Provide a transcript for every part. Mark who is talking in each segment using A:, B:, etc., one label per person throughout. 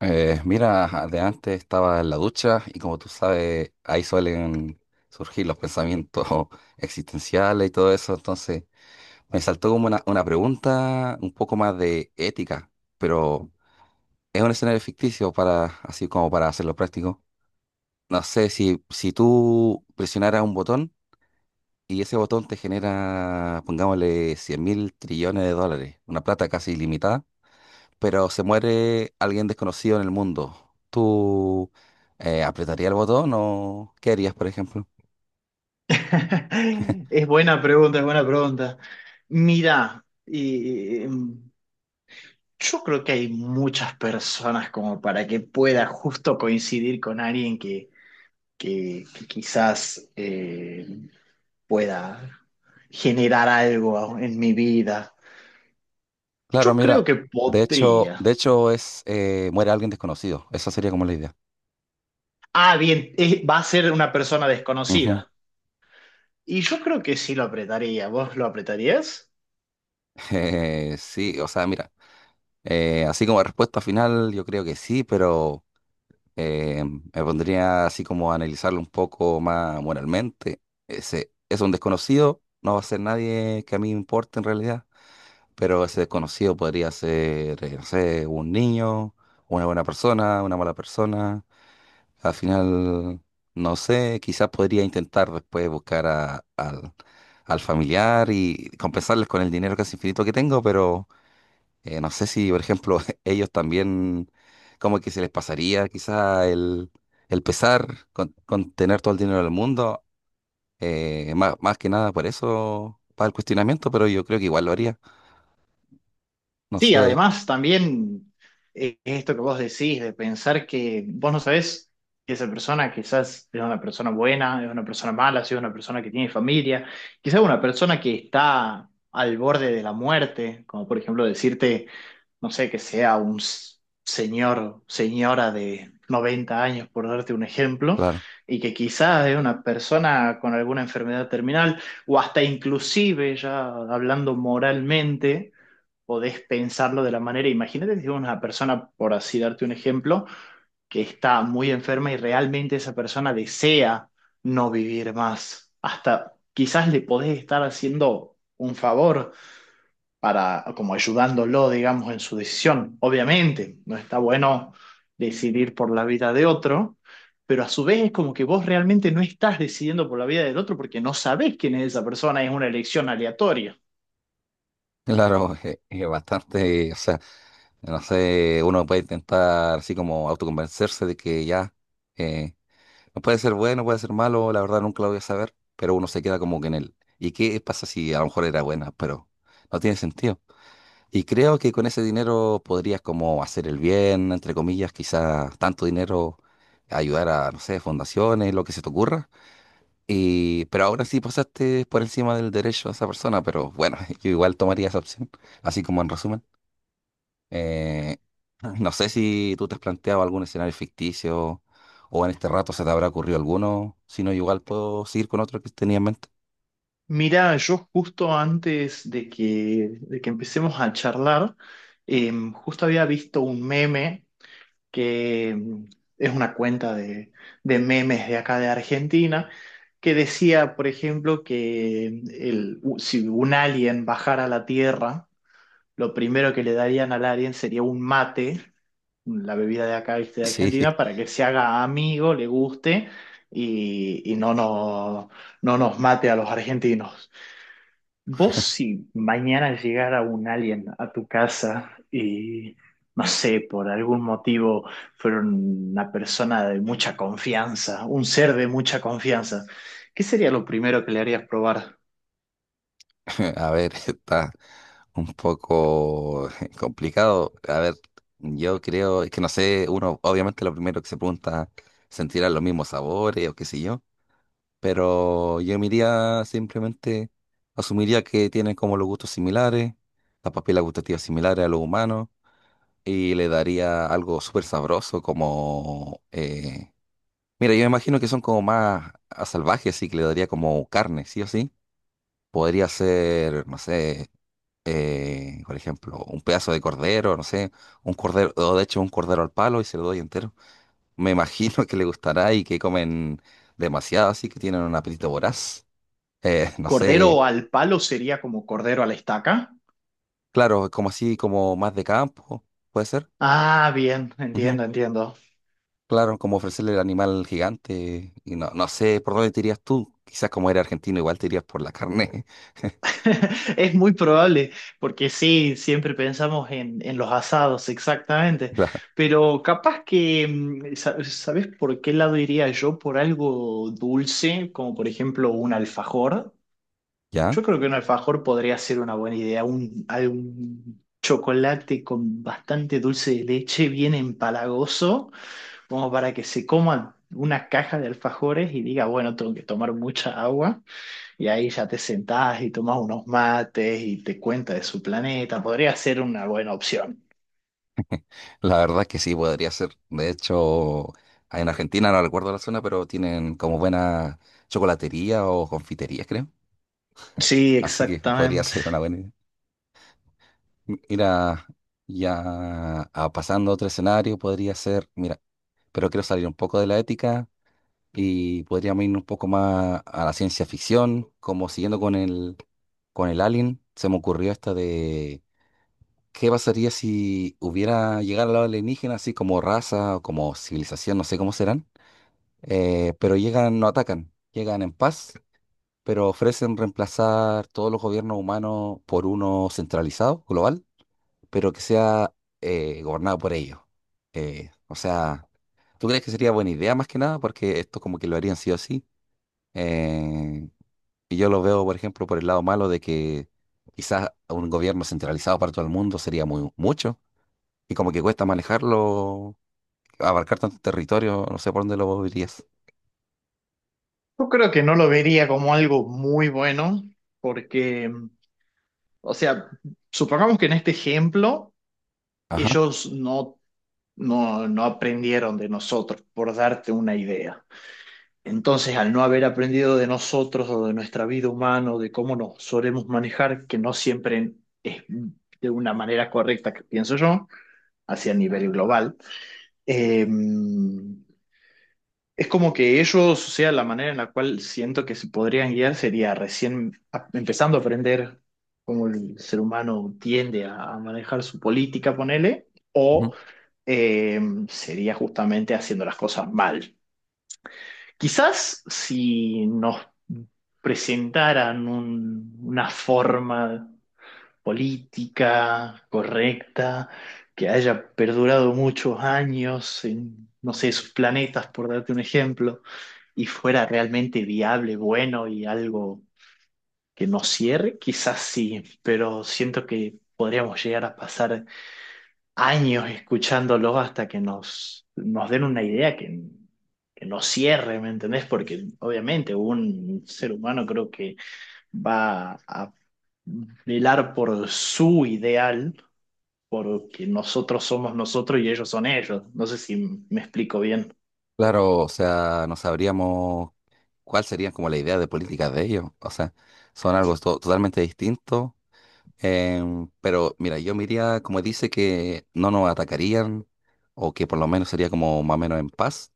A: Mira, ajá, de antes estaba en la ducha y como tú sabes, ahí suelen surgir los pensamientos existenciales y todo eso, entonces me saltó como una pregunta un poco más de ética, pero es un escenario ficticio para, así como para hacerlo práctico. No sé, si tú presionaras un botón y ese botón te genera, pongámosle, 100.000 trillones de dólares, una plata casi ilimitada, pero se muere alguien desconocido en el mundo. ¿Tú apretarías el botón o qué harías, por ejemplo?
B: Es buena pregunta, es buena pregunta. Mira, yo creo que hay muchas personas como para que pueda justo coincidir con alguien que quizás pueda generar algo en mi vida.
A: Claro,
B: Yo
A: mira,
B: creo que
A: de
B: podría.
A: hecho es muere alguien desconocido. Esa sería como la idea.
B: Ah, bien, va a ser una persona
A: Ujú.
B: desconocida. Y yo creo que sí lo apretaría. ¿Vos lo apretarías?
A: Sí, o sea, mira, así como respuesta final, yo creo que sí, pero me pondría así como a analizarlo un poco más moralmente. Ese es un desconocido, no va a ser nadie que a mí me importe en realidad. Pero ese desconocido podría ser, no sé, un niño, una buena persona, una mala persona. Al final, no sé, quizás podría intentar después buscar al al familiar y compensarles con el dinero casi infinito que tengo, pero no sé si, por ejemplo, ellos también, como que se les pasaría quizás el pesar con tener todo el dinero del mundo. Más más que nada por eso para el cuestionamiento, pero yo creo que igual lo haría. No
B: Sí,
A: sé,
B: además también esto que vos decís de pensar que vos no sabés si esa persona quizás es una persona buena, es una persona mala, si es una persona que tiene familia, quizás una persona que está al borde de la muerte, como por ejemplo decirte, no sé, que sea un señor, señora de 90 años, por darte un ejemplo,
A: claro.
B: y que quizás es una persona con alguna enfermedad terminal, o hasta inclusive ya hablando moralmente podés pensarlo de la manera. Imagínate si una persona, por así darte un ejemplo, que está muy enferma y realmente esa persona desea no vivir más. Hasta quizás le podés estar haciendo un favor para, como ayudándolo, digamos, en su decisión. Obviamente, no está bueno decidir por la vida de otro, pero a su vez es como que vos realmente no estás decidiendo por la vida del otro porque no sabés quién es esa persona, es una elección aleatoria.
A: Claro, es, bastante, o sea, no sé, uno puede intentar así como autoconvencerse de que ya, eh, no puede ser bueno, puede ser malo, la verdad nunca lo voy a saber, pero uno se queda como que en él. ¿Y qué pasa si a lo mejor era buena, pero no tiene sentido? Y creo que con ese dinero podrías como hacer el bien, entre comillas, quizás tanto dinero, ayudar a, no sé, fundaciones, lo que se te ocurra. Y, pero ahora sí pasaste por encima del derecho de esa persona, pero bueno, yo igual tomaría esa opción, así como en resumen. Eh, no sé si tú te has planteado algún escenario ficticio o en este rato se te habrá ocurrido alguno. Si no, igual puedo seguir con otro que tenía en mente.
B: Mira, yo justo antes de que empecemos a charlar, justo había visto un meme que es una cuenta de memes de acá de Argentina, que decía, por ejemplo, que si un alien bajara a la Tierra, lo primero que le darían al alien sería un mate, la bebida de acá, ¿viste? De
A: Sí,
B: Argentina, para que se haga amigo, le guste y no nos mate a los argentinos. Vos, si mañana llegara un alien a tu casa y, no sé, por algún motivo fueron una persona de mucha confianza, un ser de mucha confianza, ¿qué sería lo primero que le harías probar?
A: a ver, está un poco complicado. A ver, yo creo, es que no sé, uno obviamente lo primero que se pregunta, ¿sentirán los mismos sabores o qué sé yo? Pero yo me iría simplemente, asumiría que tienen como los gustos similares, las papilas gustativas similares a los humanos y le daría algo súper sabroso como... mira, yo me imagino que son como más a salvajes, así que le daría como carne, sí o sí. Podría ser, no sé, por ejemplo, un pedazo de cordero, no sé, un cordero, o de hecho un cordero al palo y se lo doy entero. Me imagino que le gustará y que comen demasiado, así que tienen un apetito voraz. No sé,
B: ¿Cordero al palo sería como cordero a la estaca?
A: claro, como así, como más de campo, puede ser.
B: Ah, bien, entiendo, entiendo.
A: Claro, como ofrecerle el animal gigante. Y no, no sé por dónde te irías tú. Quizás como era argentino, igual te irías por la carne.
B: Es muy probable, porque sí, siempre pensamos en los asados, exactamente.
A: La-
B: Pero capaz que, ¿sabes por qué lado iría yo? Por algo dulce, como por ejemplo un alfajor.
A: ¿ya?
B: Yo creo que un alfajor podría ser una buena idea, un, algún chocolate con bastante dulce de leche, bien empalagoso, como para que se coman una caja de alfajores y diga, bueno, tengo que tomar mucha agua. Y ahí ya te sentás y tomas unos mates y te cuenta de su planeta. Podría ser una buena opción.
A: La verdad es que sí, podría ser. De hecho, en Argentina, no recuerdo la zona, pero tienen como buena chocolatería o confitería, creo.
B: Sí,
A: Así que podría
B: exactamente.
A: ser una buena idea. Mira, ya a- pasando a otro escenario, podría ser, mira, pero quiero salir un poco de la ética. Y podríamos irnos un poco más a la ciencia ficción, como siguiendo con el Alien, se me ocurrió esta de qué pasaría si hubiera llegado al lado alienígena así como raza o como civilización, no sé cómo serán, pero llegan, no atacan, llegan en paz, pero ofrecen reemplazar todos los gobiernos humanos por uno centralizado, global, pero que sea gobernado por ellos. O sea, ¿tú crees que sería buena idea más que nada? Porque esto como que lo harían sí o sí. Eh, y yo lo veo, por ejemplo, por el lado malo de que quizás un gobierno centralizado para todo el mundo sería muy mucho y como que cuesta manejarlo, abarcar tanto territorio, no sé por dónde lo dirías.
B: Yo creo que no lo vería como algo muy bueno porque, o sea, supongamos que en este ejemplo
A: Ajá.
B: ellos no aprendieron de nosotros, por darte una idea. Entonces, al no haber aprendido de nosotros o de nuestra vida humana, o de cómo nos solemos manejar, que no siempre es de una manera correcta, que pienso yo, hacia nivel global. Eh, es como que ellos, o sea, la manera en la cual siento que se podrían guiar sería recién empezando a aprender cómo el ser humano tiende a manejar su política, ponele,
A: Ujú.
B: o eh, sería justamente haciendo las cosas mal. Quizás si nos presentaran una forma política correcta, que haya perdurado muchos años en, no sé, sus planetas, por darte un ejemplo, y fuera realmente viable, bueno y algo que nos cierre, quizás sí, pero siento que podríamos llegar a pasar años escuchándolo hasta que nos den una idea que nos cierre, ¿me entendés? Porque obviamente un ser humano creo que va a velar por su ideal porque nosotros somos nosotros y ellos son ellos. No sé si me explico bien.
A: Claro, o sea, no sabríamos cuál sería como la idea de políticas de ellos. O sea, son algo totalmente distinto. Pero mira, yo miraría como dice que no nos atacarían o que por lo menos sería como más o menos en paz.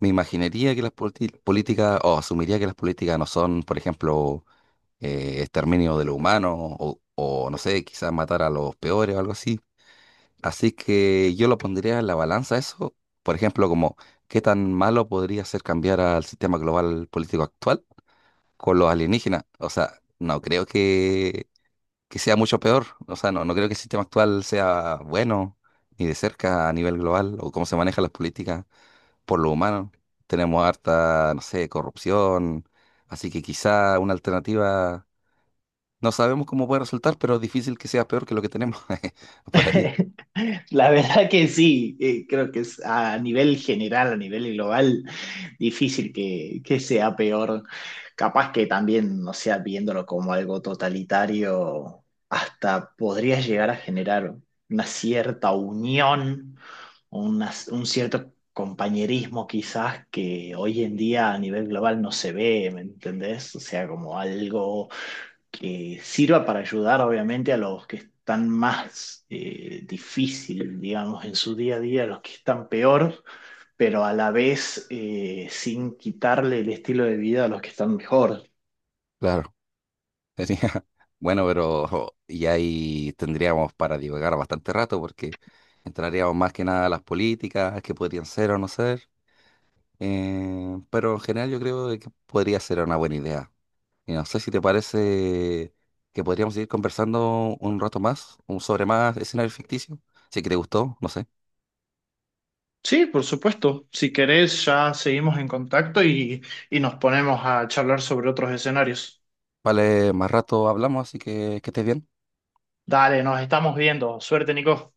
A: Me imaginaría que las políticas, o asumiría que las políticas no son, por ejemplo, exterminio de los humanos, o no sé, quizás matar a los peores o algo así. Así que yo lo pondría en la balanza eso, por ejemplo, como qué tan malo podría ser cambiar al sistema global político actual con los alienígenas. O sea, no creo que sea mucho peor. O sea, no, no creo que el sistema actual sea bueno, ni de cerca a nivel global, o cómo se manejan las políticas por lo humano. Tenemos harta, no sé, corrupción, así que quizá una alternativa, no sabemos cómo puede resultar, pero es difícil que sea peor que lo que tenemos por ahí.
B: La verdad que sí, creo que es a nivel general, a nivel global, difícil que sea peor. Capaz que también, no sea, viéndolo como algo totalitario, hasta podría llegar a generar una cierta unión, un cierto compañerismo quizás que hoy en día a nivel global no se ve, ¿me entendés? O sea, como algo que sirva para ayudar obviamente a los que están más difícil, digamos, en su día a día, a los que están peor, pero a la vez sin quitarle el estilo de vida a los que están mejor.
A: Claro. Sería- Bueno, pero jo, y ahí tendríamos para divagar bastante rato porque entraríamos más que nada a las políticas, que podrían ser o no ser, pero en general yo creo de que podría ser una buena idea. Y no sé si te parece que podríamos seguir conversando un rato más, un sobre más escenarios ficticios. Si que te gustó, no sé.
B: Sí, por supuesto. Si querés, ya seguimos en contacto y nos ponemos a charlar sobre otros escenarios.
A: Vale, más rato hablamos, así que estés bien.
B: Dale, nos estamos viendo. Suerte, Nico.